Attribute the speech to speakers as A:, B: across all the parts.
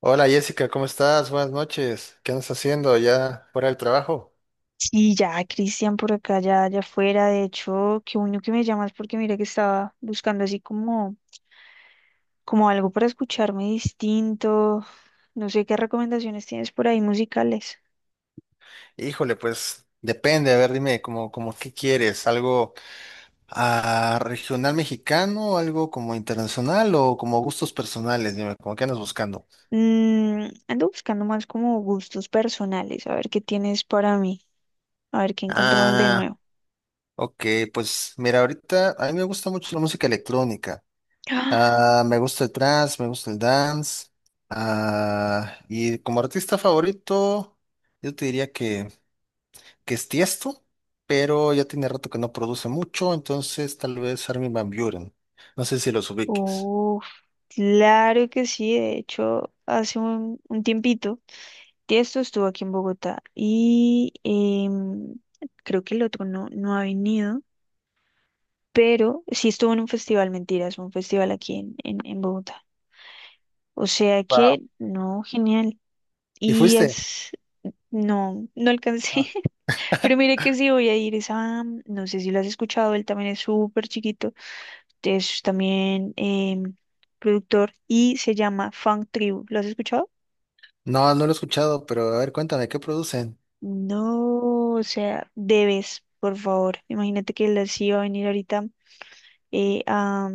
A: Hola Jessica, ¿cómo estás? Buenas noches. ¿Qué andas haciendo ya fuera del trabajo?
B: Sí, ya, Cristian, por acá, ya, ya afuera. De hecho, qué bueno que me llamas porque mira que estaba buscando así como, como algo para escucharme distinto. No sé qué recomendaciones tienes por ahí musicales.
A: Híjole, pues depende. A ver, dime, como qué quieres? ¿Algo regional mexicano? ¿Algo como internacional o como gustos personales? Dime, ¿cómo qué andas buscando?
B: Ando buscando más como gustos personales, a ver qué tienes para mí, a ver qué encontramos de
A: Ah,
B: nuevo.
A: ok, pues mira, ahorita a mí me gusta mucho la música electrónica.
B: ¡Ah!
A: Ah, me gusta el trance, me gusta el dance. Ah, y como artista favorito, yo te diría que es Tiesto, pero ya tiene rato que no produce mucho, entonces tal vez Armin van Buren. No sé si los ubiques.
B: Claro que sí. De hecho, hace un tiempito, Tiesto estuvo aquí en Bogotá y creo que el otro no, no ha venido. Pero sí estuvo en un festival, mentiras, un festival aquí en Bogotá. O sea
A: Wow.
B: que, no, genial.
A: ¿Y
B: Y
A: fuiste?
B: es, no, no alcancé.
A: Ah.
B: Pero mire que sí voy a ir, es a, no sé si lo has escuchado, él también es súper chiquito, es también productor y se llama Funk Tribu. ¿Lo has escuchado?
A: No, no lo he escuchado, pero a ver, cuéntame, ¿qué producen?
B: No, o sea, debes, por favor. Imagínate que él sí va a venir ahorita eh, a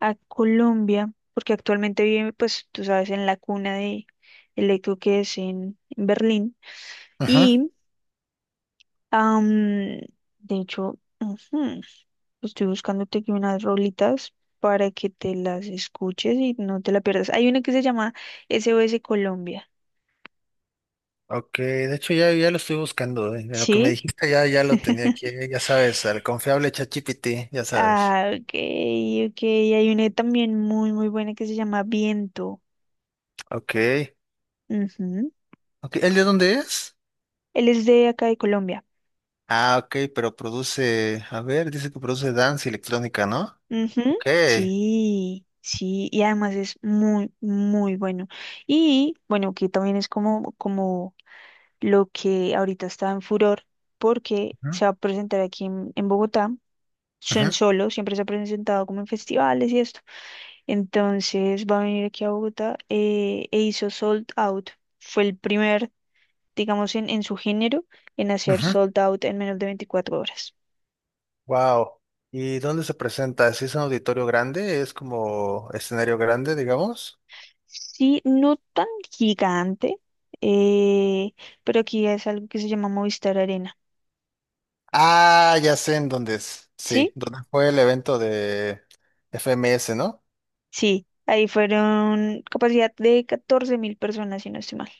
B: a Colombia, porque actualmente vive, pues tú sabes, en la cuna de el eco, que es en Berlín.
A: Ajá.
B: Y, am, de hecho, ujú, estoy buscándote aquí unas rolitas para que te las escuches y no te la pierdas. Hay una que se llama SOS Colombia.
A: Ok, de hecho ya lo estoy buscando, eh. De lo que me
B: ¿Sí?
A: dijiste ya lo tenía aquí, ya sabes, al confiable ChatGPT, ya sabes.
B: Ah, ok, ok. Hay una también muy, muy buena que se llama Viento.
A: Ok.
B: Ujú.
A: Ok, ¿el de dónde es?
B: Él es de acá de Colombia.
A: Ah, ok, pero produce, a ver, dice que produce dance y electrónica, ¿no?
B: Ujú.
A: Ok.
B: Sí, sí, y además es muy, muy bueno. Y bueno, que también es como, como lo que ahorita está en furor, porque
A: Ujú,
B: se va a presentar aquí en Bogotá. Son
A: ujú,
B: solo, siempre se ha presentado como en festivales y esto. Entonces va a venir aquí a Bogotá e hizo Sold Out. Fue el primer, digamos, en su género en hacer
A: ujú.
B: Sold Out en menos de 24 horas.
A: Wow. ¿Y dónde se presenta? ¿Si es un auditorio grande? ¿Es como escenario grande, digamos?
B: Sí, no tan gigante, eh, pero aquí es algo que se llama Movistar Arena.
A: Ah, ya sé en dónde es. Sí,
B: ¿Sí?
A: donde fue el evento de FMS, ¿no?
B: Sí, ahí fueron capacidad de 14 mil personas, si no estoy mal.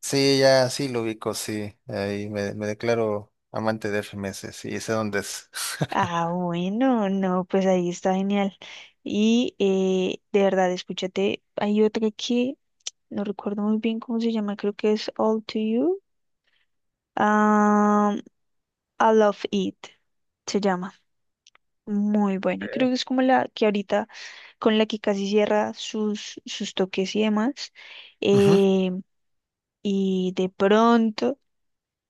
A: Sí, ya, sí lo ubico, sí. Ahí me declaro amante de FMS, sí, sé dónde es.
B: Ah, bueno, no, pues ahí está genial. Y de verdad, escúchate, hay otra que no recuerdo muy bien cómo se llama, creo que es All to You. Ah, I Love It se llama. Muy buena. Creo que es como la que ahorita con la que casi cierra sus toques y demás.
A: Ujú.
B: Eh, y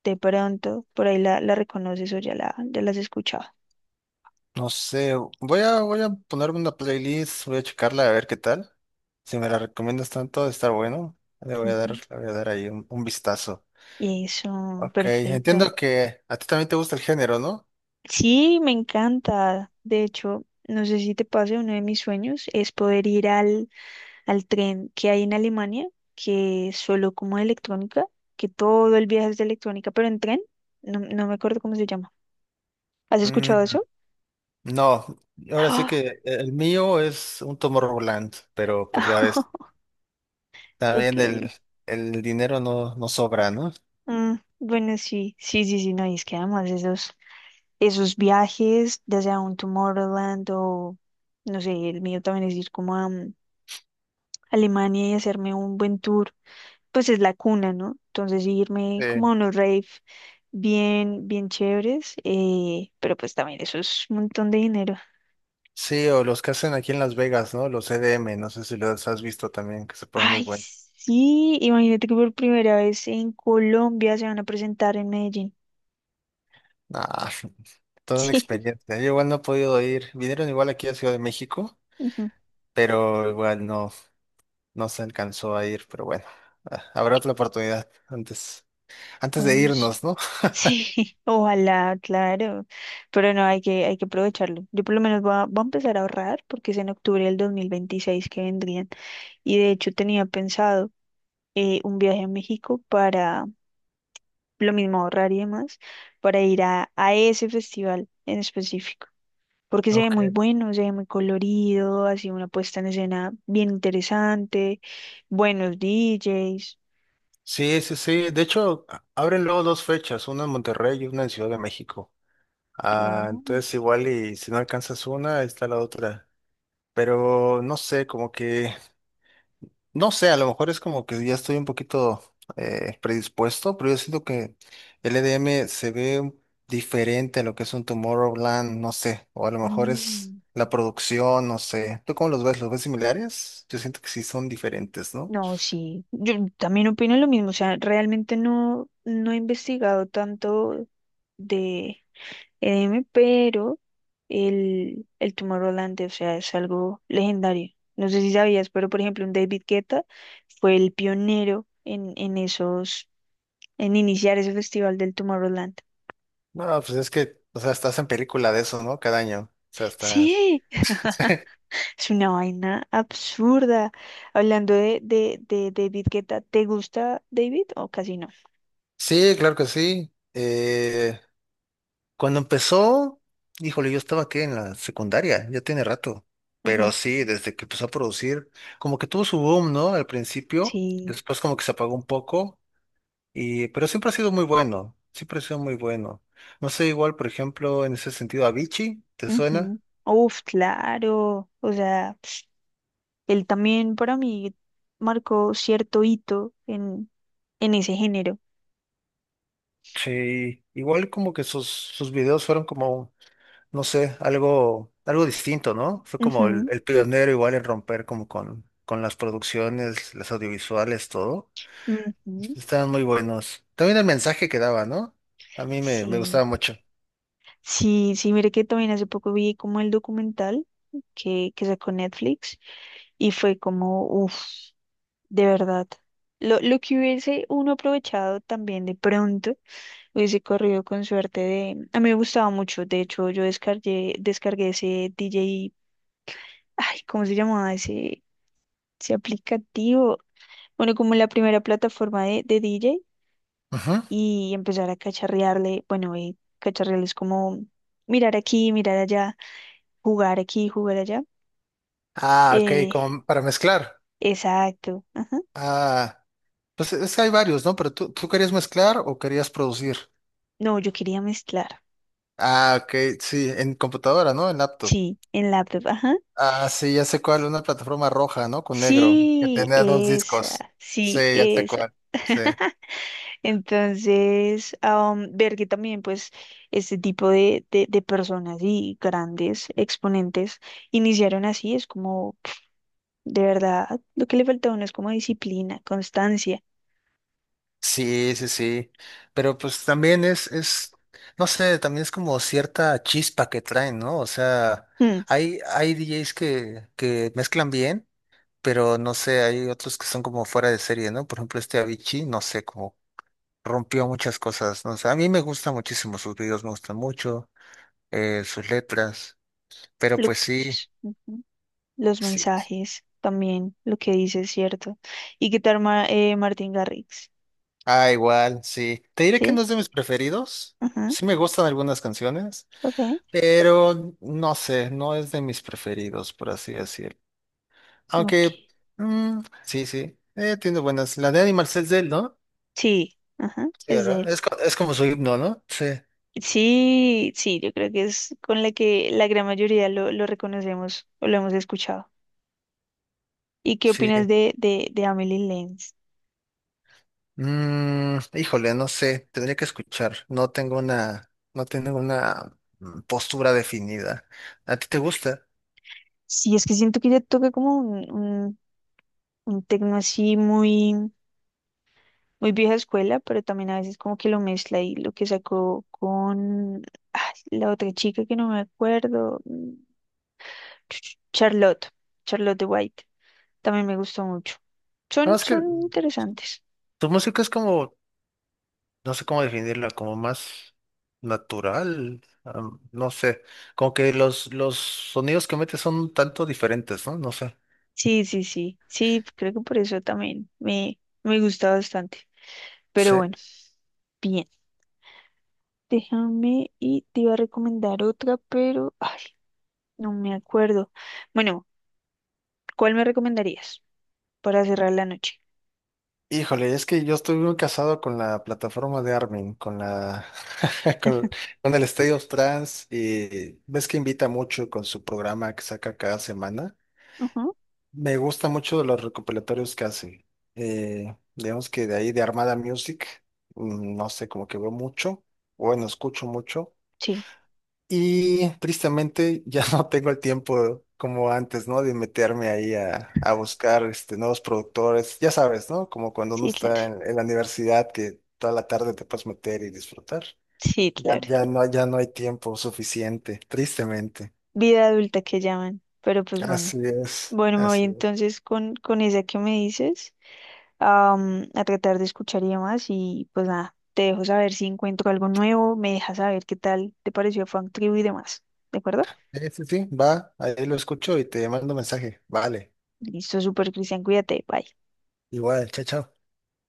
B: de pronto, por ahí la reconoces o ya ya la has escuchado.
A: No sé, voy a ponerme una playlist, voy a checarla a ver qué tal. Si me la recomiendas tanto, está bueno.
B: Ujú.
A: Le voy a dar ahí un vistazo.
B: Eso,
A: Ok,
B: perfecto.
A: entiendo que a ti también te gusta el género, ¿no?
B: Sí, me encanta. De hecho, no sé si te pase, uno de mis sueños es poder ir al tren que hay en Alemania, que es solo como de electrónica, que todo el viaje es de electrónica, pero en tren, no, no me acuerdo cómo se llama. ¿Has escuchado
A: Mm,
B: eso?
A: no, ahora sí
B: Ah,
A: que el mío es un Tomorrowland, pero pues ya ves,
B: ok.
A: también el dinero no sobra, ¿no?
B: Bueno, sí, sí, sí, sí, no, y es que además esos viajes, ya sea un Tomorrowland o, no sé, el mío también es ir como a Alemania y hacerme un buen tour, pues es la cuna, ¿no? Entonces sí, irme
A: Eh,
B: como a unos rave bien, bien chéveres, pero pues también eso es un montón de dinero.
A: sí, o los que hacen aquí en Las Vegas, ¿no? Los EDM, no sé si los has visto también, que se ponen muy
B: Ay,
A: buenos.
B: sí, imagínate que por primera vez en Colombia se van a presentar en Medellín.
A: Ah, toda una experiencia. Yo igual no he podido ir. Vinieron igual aquí a Ciudad de México,
B: Sí.
A: pero igual no, no se alcanzó a ir, pero bueno, habrá otra oportunidad antes de
B: Bueno, sí.
A: irnos, ¿no?
B: Sí, ojalá, claro. Pero no, hay que aprovecharlo. Yo por lo menos voy a empezar a ahorrar porque es en octubre del 2026 que vendrían. Y de hecho tenía pensado un viaje a México para lo mismo ahorrar y demás, para ir a ese festival en específico. Porque se ve
A: Ok.
B: muy bueno, se ve muy colorido, así una puesta en escena bien interesante, buenos DJs.
A: Sí, sí, sí. De hecho, abren luego dos fechas, una en Monterrey y una en Ciudad de México. Ah,
B: Oh,
A: entonces igual y si no alcanzas una, está la otra. Pero no sé, no sé, a lo mejor es como que ya estoy un poquito predispuesto, pero yo siento que el EDM se ve un- diferente a lo que es un Tomorrowland, no sé, o a lo mejor es
B: mm.
A: la producción, no sé. ¿Tú cómo los ves? ¿Los ves similares? Yo siento que sí son diferentes, ¿no?
B: No, sí, yo también opino lo mismo, o sea, realmente no, no he investigado tanto de EDM, pero el Tomorrowland, o sea, es algo legendario. No sé si sabías, pero por ejemplo, un David Guetta fue el pionero en esos, en iniciar ese festival del Tomorrowland.
A: No, pues es que, o sea, estás en película de eso, ¿no? Cada año. O sea, estás.
B: Sí, es una vaina absurda. Hablando de David Guetta, ¿te gusta David o casi no?
A: Sí, claro que sí. Cuando empezó, híjole, yo estaba aquí en la secundaria, ya tiene rato. Pero
B: Ujú.
A: sí, desde que empezó a producir, como que tuvo su boom, ¿no? Al principio,
B: Sí.
A: después como que se apagó un poco, y, pero siempre ha sido muy bueno, siempre ha sido muy bueno. No sé, igual, por ejemplo, en ese sentido, Avicii, ¿te suena?
B: Ujú. Uf, claro. O sea, él también para mí marcó cierto hito en ese género.
A: Sí, igual como que sus videos fueron como no sé, algo, algo distinto, ¿no? Fue como el pionero igual en romper como con las producciones, las audiovisuales, todo.
B: Ujú, ujú.
A: Estaban muy buenos. También el mensaje que daba, ¿no? A mí me
B: Sí.
A: gustaba mucho.
B: Sí, sí, mire que también hace poco vi como el documental que sacó Netflix y fue como, uff, de verdad. Lo que hubiese uno aprovechado también de pronto, hubiese corrido con suerte de… A mí me gustaba mucho, de hecho yo descargué ese DJ, ay, ¿cómo se llamaba ese aplicativo? Bueno, como la primera plataforma de DJ
A: Ujú.
B: y empezar a cacharrearle, bueno, y cacharrearle es como mirar aquí, mirar allá, jugar aquí, jugar allá.
A: Ah, ok,
B: Eh,
A: como para mezclar.
B: exacto, ajá.
A: Ah, pues es que hay varios, ¿no? Pero tú querías mezclar o querías producir.
B: No, yo quería mezclar,
A: Ah, ok, sí, en computadora, ¿no? En laptop.
B: sí, en laptop, ajá.
A: Ah, sí, ya sé cuál, una plataforma roja, ¿no? Con negro, que
B: Sí,
A: tenía dos discos.
B: esa,
A: Sí,
B: sí,
A: ya sé
B: esa.
A: cuál. Sí.
B: Entonces, ver que también, pues, este tipo de personas y grandes exponentes iniciaron así, es como, pf, de verdad, lo que le falta a uno es como disciplina, constancia.
A: Sí, sí, sí. Pero pues también no sé, también es como cierta chispa que traen, ¿no? O sea,
B: Mm,
A: hay DJs que mezclan bien, pero no sé, hay otros que son como fuera de serie, ¿no? Por ejemplo, este Avicii, no sé, como rompió muchas cosas, ¿no? O sea, a mí me gustan muchísimo sus videos, me gustan mucho, sus letras, pero
B: lo que dices, ujú. Los
A: sí.
B: mensajes también, lo que dices, ¿cierto? ¿Y qué tal Martin Garrix?
A: Ah, igual, sí. Te diré que
B: ¿Sí?
A: no es de mis preferidos.
B: Ajá,
A: Sí me gustan algunas canciones.
B: ok.
A: Pero no sé, no es de mis preferidos, por así decirlo. Aunque,
B: Ok.
A: mm, sí, tiene buenas. La de Animal Cells de él, ¿no?
B: Sí, ajá,
A: Sí,
B: es de
A: ¿verdad?
B: él.
A: Es como su himno, ¿no? Sí,
B: Sí, sí, yo creo que es con la que la gran mayoría lo reconocemos o lo hemos escuchado. ¿Y qué
A: sí.
B: opinas de Amelie Lenz?
A: Mm, híjole, no sé, tendría que escuchar. No tengo una postura definida. ¿A ti te gusta?
B: Sí, es que siento que ella toca como un tecno así muy, muy vieja escuela, pero también a veces como que lo mezcla y lo que sacó con ay, la otra chica que no me acuerdo, Charlotte, Charlotte de White, también me gustó mucho.
A: No,
B: Son,
A: es que
B: son interesantes.
A: tu música es como no sé cómo definirla, como más natural, am, no sé, como que los sonidos que mete son un tanto diferentes, ¿no? No sé.
B: Sí, sí, sí, sí, creo que por eso también me gusta bastante. Pero
A: Sí.
B: bueno, bien, déjame y te iba a recomendar otra, pero ay, no me acuerdo. Bueno, ¿cuál me recomendarías para cerrar la noche?
A: Híjole, es que yo estoy muy casado con la plataforma de Armin, con la con, con el State of Trance y ves que invita mucho con su programa que saca cada semana.
B: Ajá.
A: Me gusta mucho los recopilatorios que hace. Digamos que de ahí de Armada Music, mm, no sé, como que veo mucho, bueno, escucho mucho.
B: Sí,
A: Y tristemente ya no tengo el tiempo como antes, ¿no? De meterme ahí a buscar este, nuevos productores. Ya sabes, ¿no? Como cuando uno
B: sí, claro,
A: está en la universidad que toda la tarde te puedes meter y disfrutar.
B: sí, claro.
A: Ya no, ya no hay tiempo suficiente, tristemente.
B: Vida adulta que llaman, pero pues bueno.
A: Así es,
B: Bueno, me voy
A: así es.
B: entonces con esa que me dices. A tratar de escuchar y demás. Y pues nada, te dejo saber si encuentro algo nuevo, me dejas saber qué tal te pareció Frank Tribu y demás. ¿De acuerdo?
A: Sí, sí, sí, va, ahí lo escucho y te mando mensaje. Vale,
B: Listo, súper Cristian, cuídate, bye.
A: igual, chao, chao.